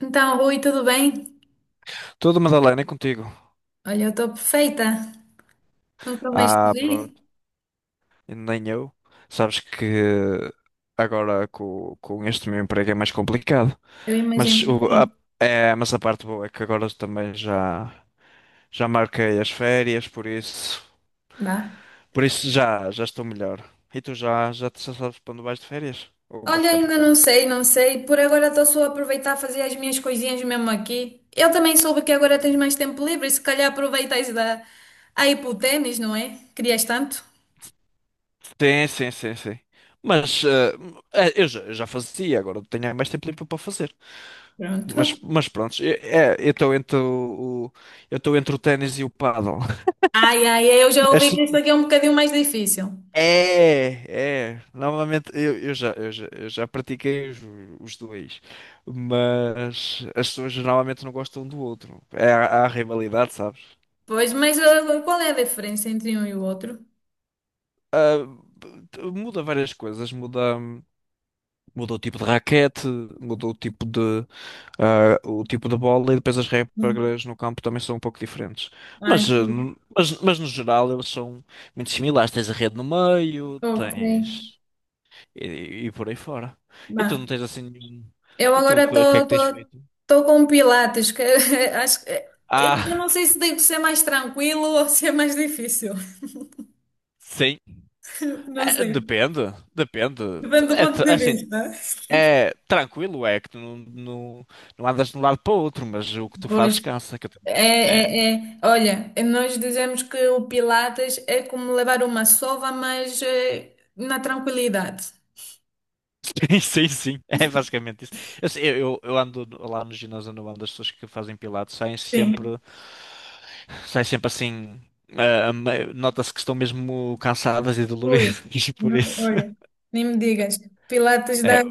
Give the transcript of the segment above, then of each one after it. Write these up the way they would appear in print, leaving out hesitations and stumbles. Então, Rui, tudo bem? Tudo, Madalena, é contigo. Olha, eu estou perfeita. Nunca mais te Ah, vi? pronto. Nem eu. Sabes que agora com este meu emprego é mais complicado. Eu imagino Mas, que o, a, sim. mas a parte boa é que agora também já marquei as férias, Vá. por isso já estou melhor. E tu já sabes para onde vais de férias? Ou vais Olha, ficar por ainda cá? não sei, não sei. Por agora estou só a aproveitar a fazer as minhas coisinhas mesmo aqui. Eu também soube que agora tens mais tempo livre, se calhar aproveitas aí para o ténis, não é? Querias tanto? Sim, sim, sim, sim. Mas eu já fazia, agora tenho mais tempo livre para fazer. Pronto. Mas pronto, eu estou entre o ténis e o pádel. Ai, ai, eu já ouvi Esta- que este aqui é um bocadinho mais difícil. é. Normalmente eu já pratiquei os dois, mas as pessoas normalmente não gostam um do outro. É, há rivalidade, sabes? Pois, mas qual é a diferença entre um e o outro? Ah, muda várias coisas, muda. Mudou o tipo de raquete, mudou o tipo de, ah, o tipo de bola e depois as Hum. regras no campo também são um pouco diferentes. Ai, Mas, ah, pois. no- mas, mas no geral eles são muito similares. Tens a rede no meio, Ok. tens. E por aí fora. E Vá. tu não tens assim nenhum. Eu E tu, agora o que é que tens feito? estou com Pilates, que acho que eu Ah, não sei se devo ser mais tranquilo ou ser mais difícil. sim. Não É, sei. depende, depende. Depende do ponto É de assim, vista. é tranquilo, é que tu não andas de um lado para o outro, mas o que tu Pois. fazes cansa. Que eu também. É. É, é, é. Olha, nós dizemos que o Pilates é como levar uma sova, mas na tranquilidade. Sim, sim, sim. É basicamente isso. Eu, sei- eu- Eu ando lá no ginásio onde eu ando, as pessoas que fazem pilates Sim. Saem sempre assim. Nota-se que estão mesmo cansadas e Ui, doloridas por não, isso. olha, nem me digas. Pilates É, dá,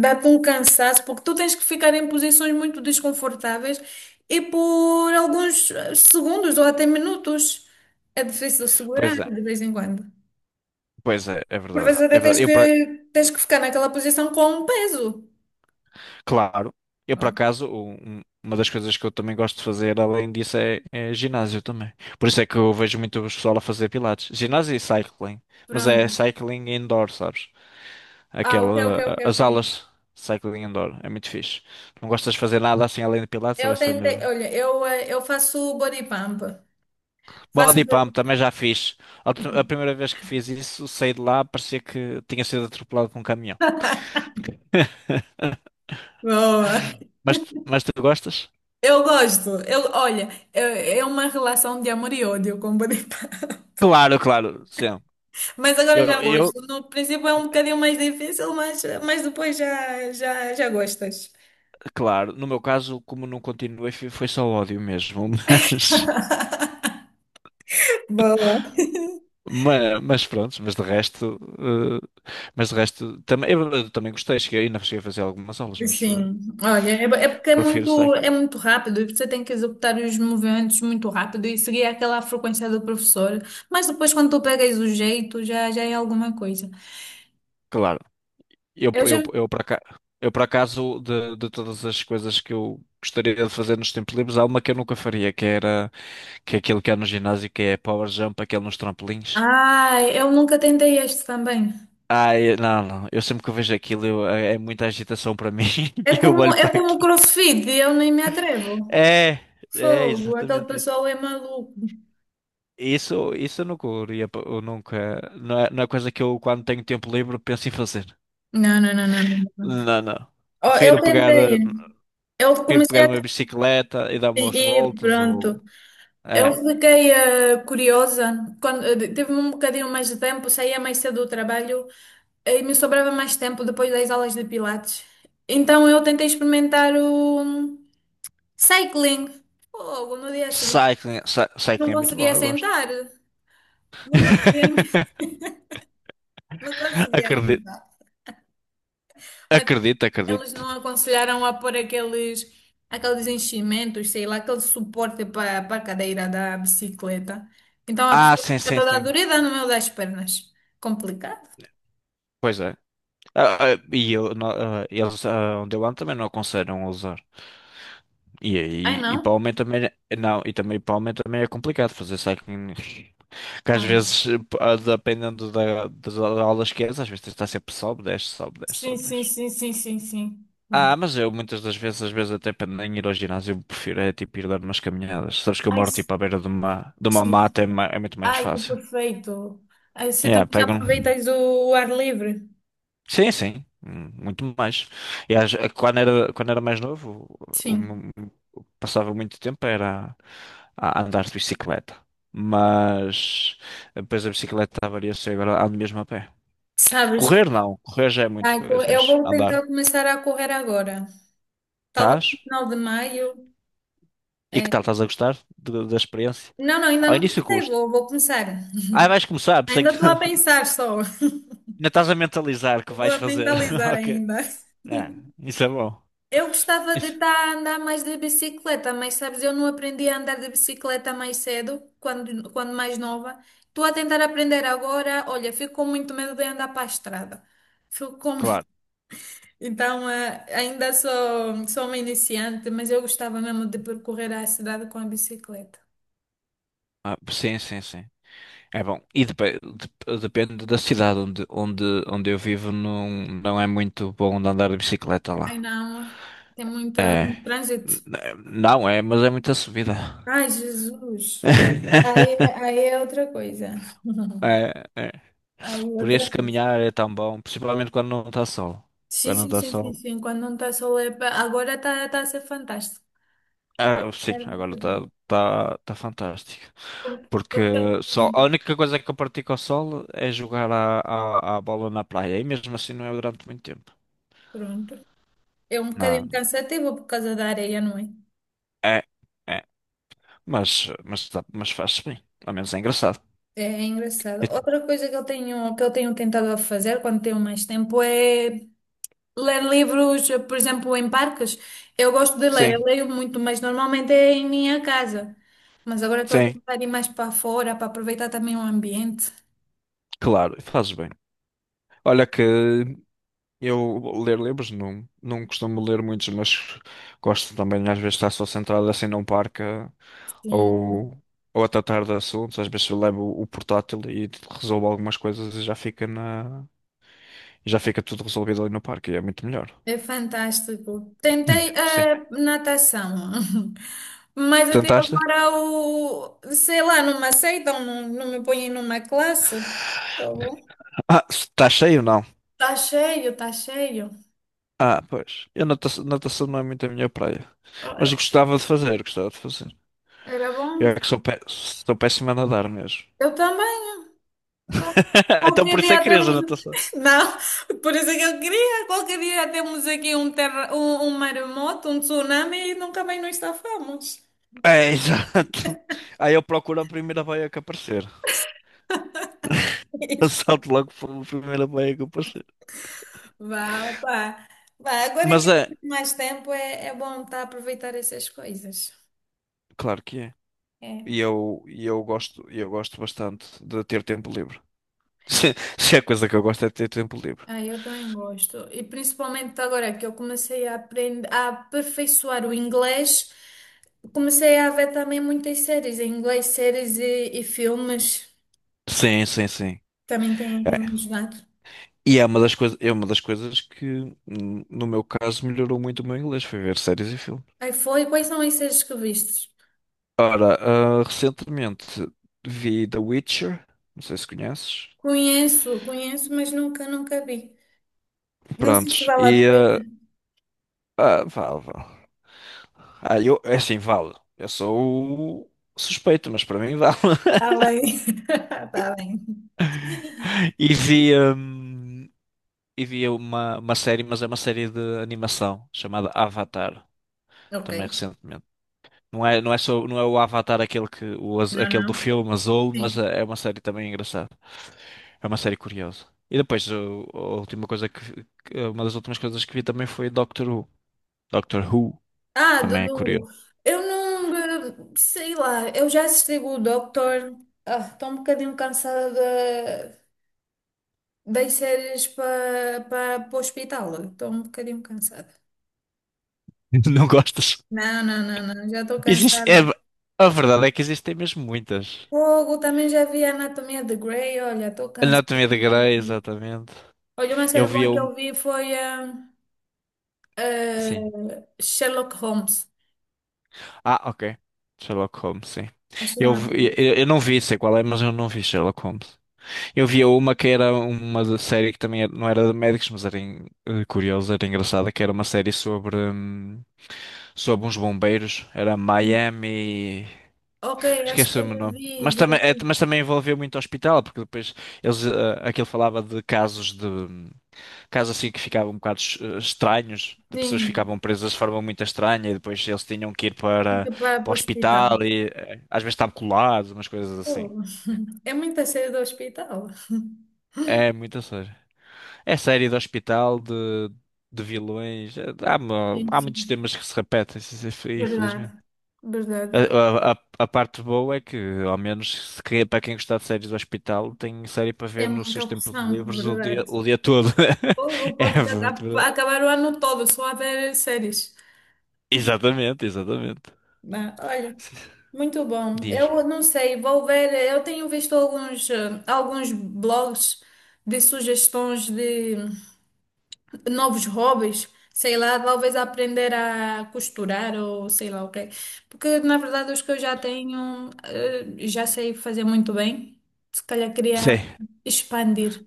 dá-te um cansaço, porque tu tens que ficar em posições muito desconfortáveis e por alguns segundos ou até minutos. É difícil segurar pois é, de vez em quando. pois é, é Por verdade. vezes até É tens verdade. Que, tens que ficar naquela posição com um peso. claro, eu por Bom, acaso, uma das coisas que eu também gosto de fazer, além disso, é ginásio também. Por isso é que eu vejo muito o pessoal a fazer pilates. Ginásio e cycling. Mas pronto. é cycling indoor, sabes? Ah, ok, ok, ok, As ok. aulas de cycling indoor, é muito fixe. Não gostas de fazer nada assim além de pilates, ou é Eu só tentei, mesmo? olha, eu faço body pump. Faço. Body pump também já fiz. A primeira vez que fiz isso, saí de lá, parecia que tinha sido atropelado por um caminhão. Boa! Mas, mas tu gostas? Eu gosto. Eu, olha, é uma relação de amor e ódio, como pode. Claro, claro, sim. Mas agora Eu, já eu, gosto. No princípio é um bocadinho mais difícil, mas depois já gostas. claro, no meu caso, como não continuei, foi só ódio mesmo, Boa. Mas pronto, mas de resto, também, eu também gostei, cheguei, ainda cheguei a fazer algumas aulas, mas Sim, olha, é porque é prefiro muito, cycling. é muito rápido e você tem que executar os movimentos muito rápido e seguir aquela frequência do professor. Mas depois, quando tu pegas o jeito, já é alguma coisa. Claro, eu, Eu eu, já... eu, por acaso, eu por acaso de todas as coisas que eu gostaria de fazer nos tempos livres, há uma que eu nunca faria, que é aquilo que há no ginásio, que é power jump, aquele nos trampolins. Ai, eu nunca tentei este também. Não, não, eu sempre que eu vejo aquilo, é muita agitação para mim, É eu como, olho é para como o aquilo. CrossFit, eu nem me atrevo. É, é Fogo, aquele exatamente isso. pessoal é maluco. Isso, eu nunca, não é, não é coisa que eu quando tenho tempo livre penso em fazer. Não, não, não, não, não. Não, não. Oh, eu Prefiro pegar. Tentei, eu Prefiro comecei pegar a uma bicicleta e dar umas e voltas ou. pronto. Eu É. fiquei curiosa. Quando, tive um bocadinho mais de tempo, saía mais cedo do trabalho e me sobrava mais tempo depois das aulas de Pilates. Então eu tentei experimentar o cycling. Fogo, no dia seguinte. Cycling, Não cycling é muito bom, conseguia eu gosto. sentar. Não conseguia, não conseguia Acredito, sentar. Mas acredito, eles não acredito. aconselharam a pôr aqueles, aqueles enchimentos, sei lá, aquele suporte para a cadeira da bicicleta. Então a Ah, pessoa sim, fica sim, toda sim. dorida no meio das pernas. Complicado. Pois é. Ah, ah, e eu, não- ah, Eles, ah, onde eu ando também não aconselham a usar. E, Ai, aí e para o não? homem também é- não, e também para o homem também é complicado fazer cycling. Que às Ah. vezes, dependendo da, das aulas que és, às vezes tens de estar sempre sobe, desce, sobe, desce, Sim, sobe, sim, desce. sim, sim, sim, sim. Vá. Ah, mas eu muitas das vezes, às vezes até para nem ir ao ginásio, prefiro é tipo ir dar umas caminhadas. Sabes que eu Ai, moro sim, tipo à beira de uma sim, mata, sim. É muito mais Ai, que fácil. perfeito. Ai, você Yeah, também já pego um... aproveitas o ar livre? Sim, sim, muito mais. Quando era, quando era mais novo, Sim. Passava muito tempo era a andar de bicicleta. Mas depois a bicicleta avaria-se e agora ando mesmo a pé. Sabes? Correr não, correr já é muito Ai, coisa, eu mas vou andar. tentar começar a correr agora. Talvez Estás? no final de maio. E que É. tal? Estás a gostar da experiência? Não, não, ainda Ao não início comecei, custa. vou começar. Ah, vais começar, por isso é Ainda que estou a ainda pensar só, estás a mentalizar que vou vais a fazer. mentalizar Ok. ainda. Ah, isso é bom. Eu gostava de Isso- estar a andar mais de bicicleta, mas sabes, eu não aprendi a andar de bicicleta mais cedo, quando, quando mais nova. Estou a tentar aprender agora, olha, fico com muito medo de andar para a estrada. Fico com... Claro. Então, ainda sou uma iniciante, mas eu gostava mesmo de percorrer a cidade com a bicicleta. Ah, sim, sim, sim. É bom. E depende da cidade onde eu vivo, não, não é muito bom de andar de bicicleta Ai lá. não, tem muita, É. muito N- trânsito. Não é, mas é muita subida. Ai, Jesus. Aí, aí é outra coisa. É, é. Aí é Por isso outra coisa. caminhar é tão bom, principalmente quando não está sol. Sim, Quando não sim, está sim, sim, sol. sim. Quando não está sol é agora está tá a ser fantástico. Ah, sim, agora está tá fantástico. Pronto. Porque só, a Sim, única coisa que eu pratico ao sol é jogar a bola na praia. E mesmo assim não é durante muito tempo. pronto. É um Não, bocadinho cansativo por causa da areia, não é? é, é. Mas, mas faz-se bem. Ao menos é engraçado. É E- engraçado. Outra coisa que eu tenho, tentado fazer quando tenho mais tempo é ler livros, por exemplo, em parques. Eu gosto de ler, eu sim, leio muito, mas normalmente é em minha casa. Mas agora estou a sim, tentar ir mais para fora para aproveitar também o ambiente. claro, faz bem. Olha que eu ler livros não, não costumo ler muitos, mas gosto também às vezes de estar só centrado assim num parque Sim, ou, ou a tratar de assuntos. Às vezes eu levo o portátil e resolvo algumas coisas e já fica e já fica tudo resolvido ali no parque. E é muito melhor. é fantástico. Hum. Tentei Sim. a natação, mas até Tentaste? agora, sei lá, não me aceitam, não, não me põem numa classe. Tá bom. Ah, está cheio não? Tá cheio, tá cheio. Ah, pois. Eu natação, natação não é muito a minha praia. Mas Ah, gostava de fazer, gostava de fazer. era bom. Eu é que sou, pé, sou péssimo a nadar mesmo. Eu também. Então Qualquer por isso é dia que querias a temos. natação. Não, por isso é que eu queria. Qualquer dia temos aqui um maremoto, um tsunami e nunca mais nos safamos. É, exato. Aí eu procuro a primeira baia que aparecer. Eu salto logo para a primeira baia que eu Vá, opá. Vá, agora Mas que é, temos mais tempo é bom estar a aproveitar essas coisas. claro que é. É. E eu gosto, e eu gosto bastante de ter tempo livre. Se a coisa que eu gosto é de ter tempo livre. Ah, eu também gosto. E principalmente agora que eu comecei a aprender, a aperfeiçoar o inglês, comecei a ver também muitas séries em inglês, séries e filmes. Sim, sim, sim. Também tem É. me ajudado. É uma das coisas que, no meu caso, melhorou muito o meu inglês, foi ver séries e filmes. Aí foi, quais são as séries que vistes? Ora, ah, recentemente vi The Witcher, não sei se conheces. Conheço, conheço, mas nunca, nunca vi. Não sei se Prontos, vale a e pena. Vale, vale. Ah, eu, é assim, vale. Eu sou o suspeito, mas para mim vale. Está bem. Está bem. E vi. E vi uma série, mas é uma série de animação chamada Avatar, Ok. também recentemente. Não é só, não é o Avatar aquele Não, aquele do não. filme Azul, mas Sim. É uma série também engraçada. É uma série curiosa. E depois o- a última coisa que, vi- que- uma das últimas coisas que vi também foi Doctor Who. Doctor Who Ah, também é curioso. Dudu, eu não, sei lá, eu já assisti o Doctor. Ah, estou um bocadinho cansada da- das séries para para o hospital, estou um bocadinho cansada. Não gostas? Não, não, não, não, já estou Existe, é, cansada. a verdade é que existem mesmo muitas. Fogo, também já vi a Anatomia de Grey, olha, estou cansada. Anatomia de Grey, exatamente. Olha, uma Eu série vi boa que um, eu vi foi sim. Sherlock Holmes, Ah, ok. Sherlock Holmes, sim. acho que é assim. Eu não vi, sei qual é, mas eu não vi Sherlock Holmes. Eu via uma que era uma série que também não era de médicos, mas era curiosa, era engraçada, que era uma série sobre, sobre uns bombeiros. Era Sim. Miami. Ok, acho que eu Esqueci-me o nome. Mas já também, vi, mas também envolveu muito hospital, porque depois eles, aquilo falava de casos de. Casos assim que ficavam um bocado estranhos, de pessoas que sim, ficavam presas de forma muito estranha e depois eles tinham que ir tem para, que parar para para o o hospital. hospital e às vezes estavam colados, umas coisas assim. Oh, é muito cedo do hospital. É muito a sério. É série de hospital, de vilões, Sim, há muitos sim. temas que se repetem, sim- sim, infelizmente. Verdade, verdade. A parte boa é que, ao menos, se quer- para quem gostar de séries do hospital, tem série para Tem ver nos muita seus tempos opção, livres verdade. o dia todo. Ou pode É muito aca- verdade. acabar o ano todo só a ver séries. Exatamente, exatamente. Mas, olha, muito bom. Diz. Eu não sei, vou ver. Eu tenho visto alguns blogs de sugestões de novos hobbies, sei lá, talvez aprender a costurar ou sei lá o quê. Porque na verdade os que eu já tenho, já sei fazer muito bem. Se calhar queria Sim. expandir.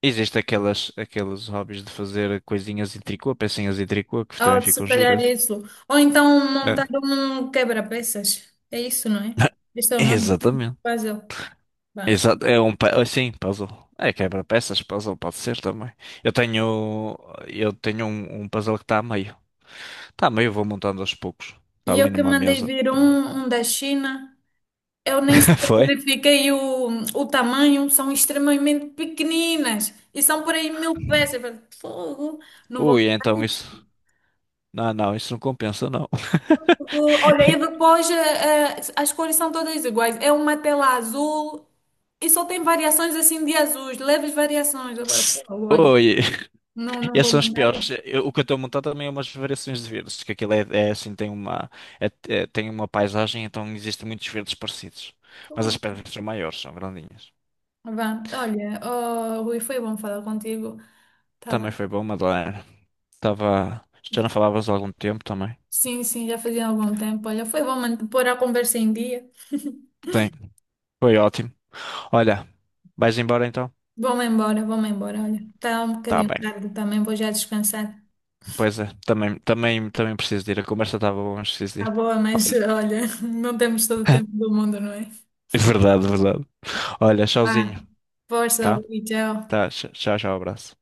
Existem aquelas, aqueles hobbies de fazer coisinhas em tricô, pecinhas em tricô, que também Ou se ficam calhar giras. isso. Ou então montar É. um quebra-peças. É isso, não é? Este é o nome do Exatamente. puzzle. Vá. Exato. Puzzle. É quebra-peças, puzzle pode ser também. Eu tenho, eu tenho um, um puzzle que está a meio. Está a meio, vou montando aos poucos. Está E ali eu que numa mandei mesa. vir um da China. Eu nem sei se eu Foi? verifiquei o tamanho, são extremamente pequeninas e são por aí 1.000 peças. Eu falei, fogo, não vou Ui, mudar então isso. isto. Não, não, isso não compensa, não. Olha, e depois as cores são todas iguais. É uma tela azul e só tem variações assim de azuis, leves variações. Eu falei, fogo, olha, Oi. não, E não esses vou são os mudar piores. isso. O que eu estou a montar também é umas variações de verdes, que aquilo é, é assim, tem uma, tem uma paisagem, então existem muitos verdes parecidos. Mas as Fogo. pedras são maiores, são grandinhas. Vá, olha, oh, Rui, foi bom falar contigo. Tá Também bem. foi bom, Madalena. Estava. Já não falavas há algum tempo também. Sim, sim, já fazia algum tempo. Olha, foi bom pôr a conversa em dia. Sim, foi ótimo. Olha, vais embora então? Vou-me embora, vou-me embora. Olha, está um Tá bocadinho bem. tarde também, vou já descansar. Pois é, também, também, também preciso de ir. A conversa estava boa, mas preciso de Está ir. boa, mas Olha. olha, não temos todo o tempo do mundo, não é? Verdade, verdade. Olha, Ah, tchauzinho, força, tá? e tchau. Tá, tchau, tchau, abraço.